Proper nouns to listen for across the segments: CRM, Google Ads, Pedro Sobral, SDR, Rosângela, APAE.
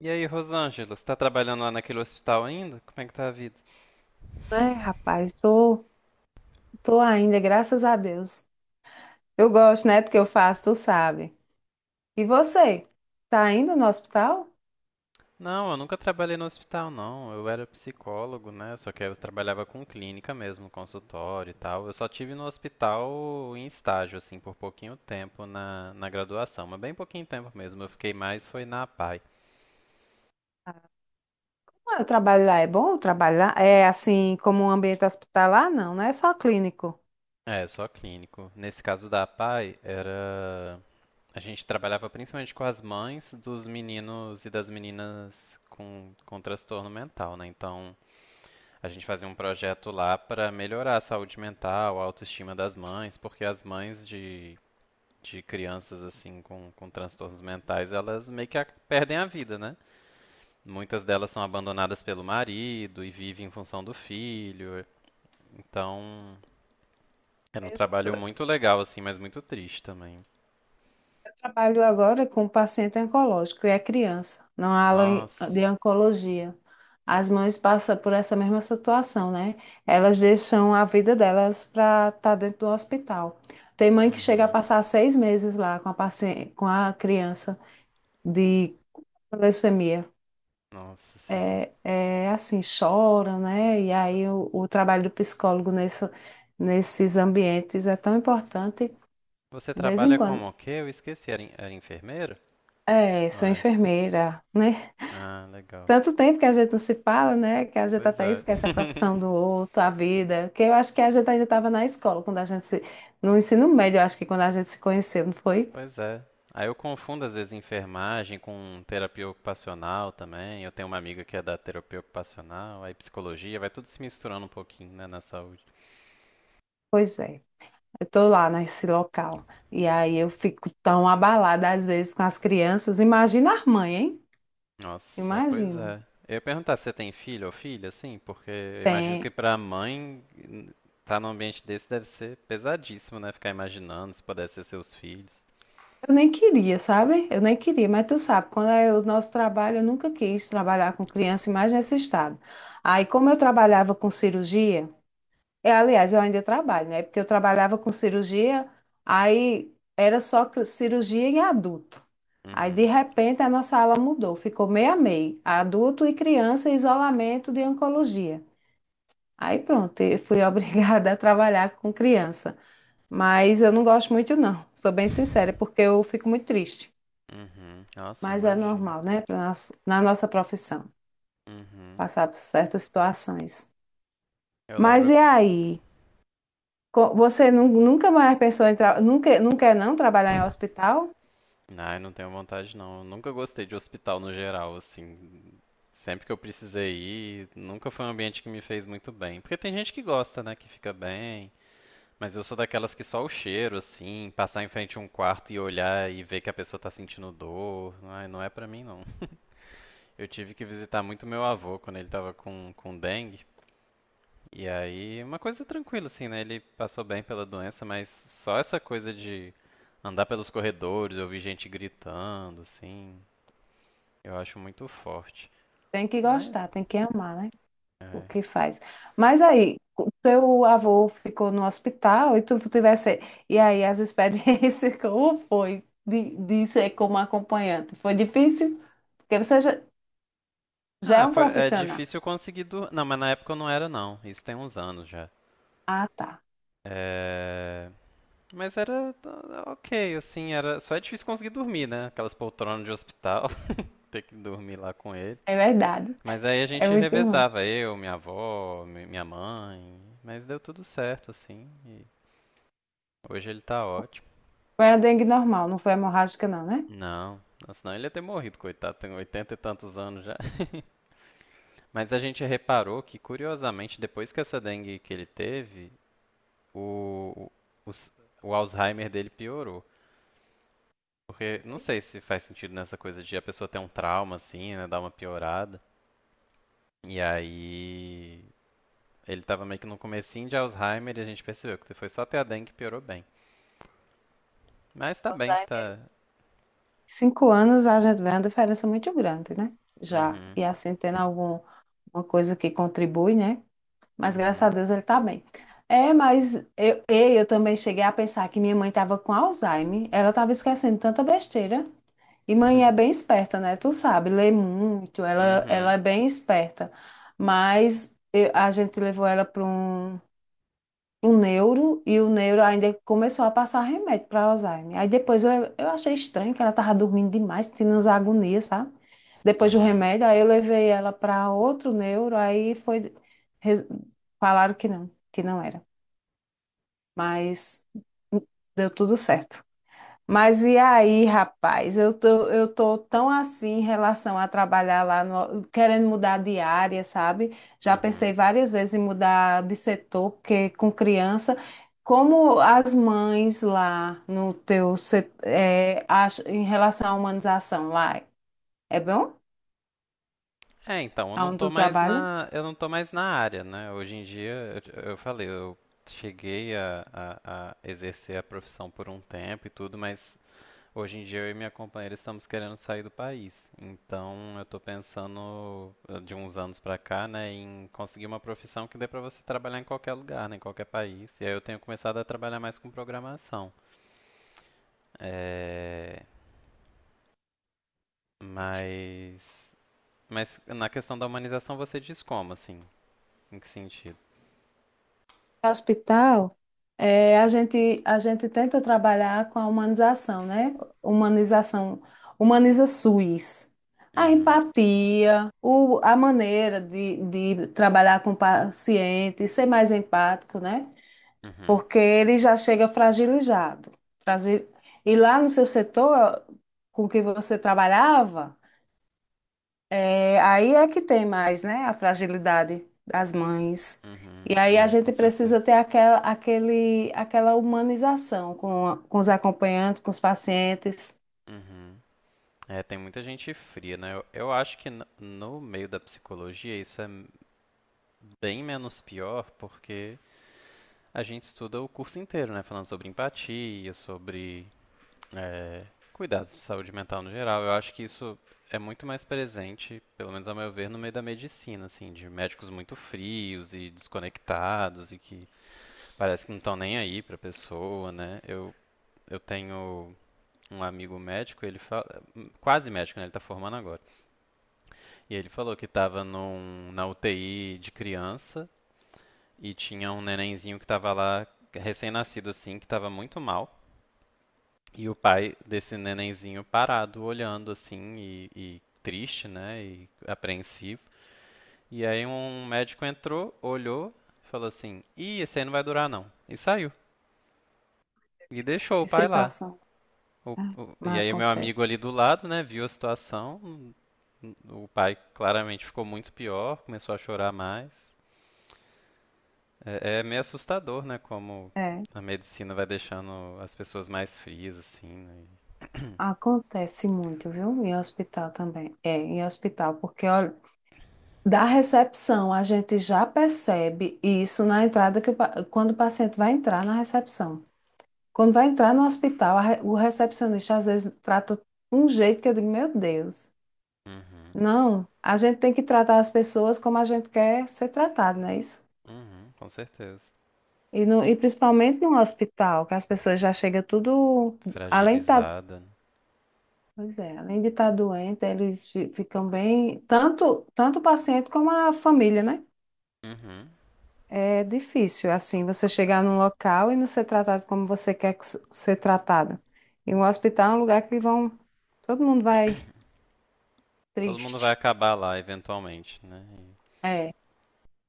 E aí, Rosângela, você tá trabalhando lá naquele hospital ainda? Como é que tá a vida? É, rapaz, tô, tô ainda, graças a Deus. Eu gosto, né, do que eu faço, tu sabe. E você? Tá indo no hospital? Não, eu nunca trabalhei no hospital, não. Eu era psicólogo, né? Só que eu trabalhava com clínica mesmo, consultório e tal. Eu só tive no hospital em estágio, assim, por pouquinho tempo na graduação, mas bem pouquinho tempo mesmo. Eu fiquei mais foi na APAE. Ah, o trabalho lá é bom? O trabalho lá é assim, como um ambiente hospitalar? Não, não é só clínico. É, só clínico. Nesse caso da APAE, era. A gente trabalhava principalmente com as mães dos meninos e das meninas com transtorno mental, né? Então. A gente fazia um projeto lá para melhorar a saúde mental, a autoestima das mães, porque as mães de crianças assim com transtornos mentais, elas meio que perdem a vida, né? Muitas delas são abandonadas pelo marido e vivem em função do filho. Então, era um Mesmo. trabalho muito legal assim, mas muito triste também. Trabalho agora com paciente oncológico e é criança, na ala Nossa. de oncologia. As mães passam por essa mesma situação, né? Elas deixam a vida delas para estar dentro do hospital. Tem mãe que chega a Uhum. passar 6 meses lá com a paciente, com a criança de leucemia. Nossa senhora. É, é assim, choram, né? E aí o trabalho do psicólogo nesses ambientes é tão importante. Você De vez em trabalha como quando. o quê? Eu esqueci, era enfermeiro? É, sou Ah, é. enfermeira, né? Ah, legal. Tanto tempo que a gente não se fala, né? Que a gente Pois até é. esquece a profissão do outro, a vida. Que eu acho que a gente ainda estava na escola, quando a gente se... no ensino médio, eu acho que quando a gente se conheceu, não foi? Pois é. Aí eu confundo às vezes enfermagem com terapia ocupacional também. Eu tenho uma amiga que é da terapia ocupacional, aí psicologia, vai tudo se misturando um pouquinho, né, na saúde. Pois é. Eu estou lá nesse local. E aí eu fico tão abalada às vezes com as crianças. Imagina as mães, hein? Nossa, é, pois Imagina. é. Eu ia perguntar se você tem filho ou filha, assim, porque eu imagino que Tem. pra mãe tá num ambiente desse deve ser pesadíssimo, né? Ficar imaginando se pudesse ser seus filhos. Eu nem queria, sabe? Eu nem queria, mas tu sabe, quando é o nosso trabalho, eu nunca quis trabalhar com criança, mais nesse estado. Aí, como eu trabalhava com cirurgia, é, aliás, eu ainda trabalho, né? Porque eu trabalhava com cirurgia, aí era só cirurgia em adulto. Aí, de Uhum. repente, a nossa ala mudou, ficou meio a meio, adulto e criança em isolamento de oncologia. Aí, pronto, eu fui obrigada a trabalhar com criança. Mas eu não gosto muito, não, sou bem sincera, porque eu fico muito triste. Uhum. Nossa, eu Mas é imagino. normal, né? Na nossa profissão, Uhum. passar por certas situações. Eu Mas lembro. e aí? Você nunca mais pensou em nunca, não quer não trabalhar em hospital? Ai, não tenho vontade não. Eu nunca gostei de hospital no geral, assim. Sempre que eu precisei ir, nunca foi um ambiente que me fez muito bem. Porque tem gente que gosta, né, que fica bem. Mas eu sou daquelas que só o cheiro, assim, passar em frente a um quarto e olhar e ver que a pessoa tá sentindo dor. Ai, não é pra mim não. Eu tive que visitar muito meu avô quando ele tava com dengue. E aí, uma coisa tranquila, assim, né? Ele passou bem pela doença, mas só essa coisa de andar pelos corredores, ouvir gente gritando, assim. Eu acho muito forte. Tem que Mas. gostar, tem que amar, né? O que É. faz. Mas aí, o teu avô ficou no hospital e tu tivesse. E aí, as experiências, como foi de ser como acompanhante? Foi difícil? Porque você já, já Ah, é um é profissional. difícil conseguir dormir. Não, mas na época eu não era, não. Isso tem uns anos já. Ah, tá. É. Mas era, ah, ok, assim, era. Só é difícil conseguir dormir, né? Aquelas poltronas de hospital, ter que dormir lá com ele. É verdade. Mas aí a É gente muito ruim. revezava, eu, minha avó, minha mãe. Mas deu tudo certo, assim. E hoje ele tá ótimo. Foi a dengue normal, não foi hemorrágica, não, né? Não, senão ele ia ter morrido, coitado, tem 80 e tantos anos já. Mas a gente reparou que, curiosamente, depois que essa dengue que ele teve, o, o, o Alzheimer dele piorou. Porque não Foi. sei se faz sentido nessa coisa de a pessoa ter um trauma, assim, né? Dar uma piorada. E aí. Ele tava meio que no comecinho de Alzheimer e a gente percebeu que foi só ter a dengue que piorou bem. Mas tá bem, Alzheimer, tá. 5 anos a gente vê uma diferença muito grande, né? Já. Uhum, E assim, tendo alguma coisa que contribui, né? Mas graças a uhum. Deus ele tá bem. É, mas eu também cheguei a pensar que minha mãe estava com Alzheimer. Ela estava esquecendo tanta besteira. E mãe é bem esperta, né? Tu sabe, lê muito, ela Uhum, é bem esperta. Mas a gente levou ela para o neuro e o neuro ainda começou a passar remédio para Alzheimer. Aí depois eu achei estranho que ela tava dormindo demais, tendo umas agonias, sabe? uhum, Depois do uhum. remédio, aí eu levei ela para outro neuro, aí foi res- falaram que não era. Mas deu tudo certo. Mas e aí, rapaz? Eu tô tão assim em relação a trabalhar lá, querendo mudar de área, sabe? Já pensei Uhum. várias vezes em mudar de setor, porque com criança, como as mães lá no teu setor, em relação à humanização lá, é bom? É, então, Aonde tu trabalha? Eu não tô mais na área, né? Hoje em dia, eu cheguei a exercer a profissão por um tempo e tudo, mas hoje em dia eu e minha companheira estamos querendo sair do país. Então, eu tô pensando, de uns anos pra cá, né, em conseguir uma profissão que dê pra você trabalhar em qualquer lugar, né, em qualquer país. E aí eu tenho começado a trabalhar mais com programação. É, mas, mas na questão da humanização você diz como, assim? Em que sentido? Hospital, eh, a gente tenta trabalhar com a humanização, né? Humanização, humaniza SUS. A Uhum. empatia, a maneira de trabalhar com o paciente, ser mais empático, né? Uhum, Porque ele já chega fragilizado. Frasi- E lá no seu setor com que você trabalhava, é, aí é que tem mais, né? A fragilidade das mães. E aí uhum, a é, com gente certeza. precisa ter aquela humanização com, com os acompanhantes, com os pacientes. Uhum. É, tem muita gente fria, né? Eu acho que no meio da psicologia isso é bem menos pior, porque a gente estuda o curso inteiro, né? Falando sobre empatia, sobre é, cuidados de saúde mental no geral. Eu acho que isso é muito mais presente, pelo menos ao meu ver, no meio da medicina, assim, de médicos muito frios e desconectados e que parece que não estão nem aí pra pessoa, né? Eu tenho um amigo médico, ele fala, quase médico, né? Ele tá formando agora. E ele falou que tava na UTI de criança e tinha um nenenzinho que estava lá, recém-nascido assim, que estava muito mal. E o pai desse nenenzinho parado, olhando assim e triste, né? E apreensivo. E aí um médico entrou, olhou, falou assim: "Ih, esse aí não vai durar não." E saiu. E deixou o Que pai lá. situação. É, E mas aí o meu amigo acontece. ali do lado, né, viu a situação. O pai claramente ficou muito pior, começou a chorar mais. É, meio assustador, né, como É, a medicina vai deixando as pessoas mais frias, assim, né? acontece muito, viu? Em hospital também. É, em hospital, porque olha, da recepção a gente já percebe isso na entrada que o quando o paciente vai entrar na recepção. Quando vai entrar no hospital, a o recepcionista às vezes trata um jeito que eu digo, meu Deus. Uhum, Não, a gente tem que tratar as pessoas como a gente quer ser tratado, não é isso? uhum, com certeza. E principalmente no hospital, que as pessoas já chegam tudo, além de estar, Fragilizada, né? pois é, além de estar doente, eles ficam bem, tanto, tanto o paciente como a família, né? Uhum. É difícil, assim, você chegar num local e não ser tratado como você quer que ser tratado. E o hospital é um lugar que vão, todo mundo vai Todo mundo vai triste. acabar lá eventualmente, né? É,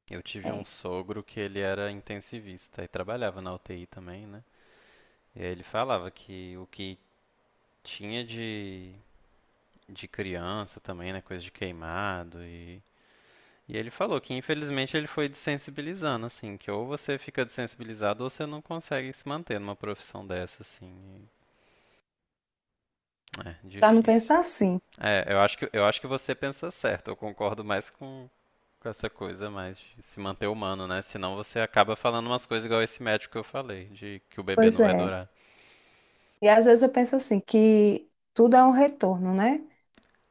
E eu tive um é. sogro que ele era intensivista e trabalhava na UTI também, né? E aí ele falava que o que tinha de criança também, né? Coisa de queimado E ele falou que infelizmente ele foi desensibilizando, assim, que ou você fica desensibilizado ou você não consegue se manter numa profissão dessa, assim. É, Já não difícil. pensa assim. É, eu acho que você pensa certo, eu concordo mais com essa coisa mais de se manter humano, né? Senão você acaba falando umas coisas igual esse médico que eu falei, de que o bebê Pois não vai é. durar. E às vezes eu penso assim, que tudo é um retorno, né?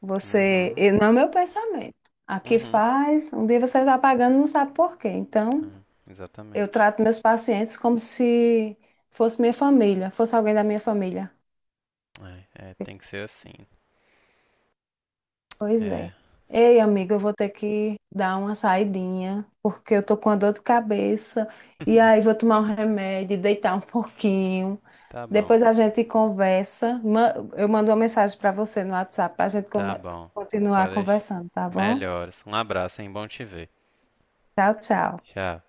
Você. Uhum, E não é meu pensamento. Aqui uhum. faz, um dia você está pagando, e não sabe por quê. Então, É, eu exatamente. trato meus pacientes como se fosse minha família, fosse alguém da minha família. É, é, tem que ser assim. Pois é. É. Ei, amiga, eu vou ter que dar uma saidinha, porque eu tô com a dor de cabeça. E aí vou tomar um remédio, deitar um pouquinho. Tá bom. Depois a gente conversa. Eu mando uma mensagem para você no WhatsApp para a gente Tá bom, continuar pode deixar. conversando, tá bom? Melhoras. Um abraço, hein? Bom te ver. Tchau, tchau. Tchau.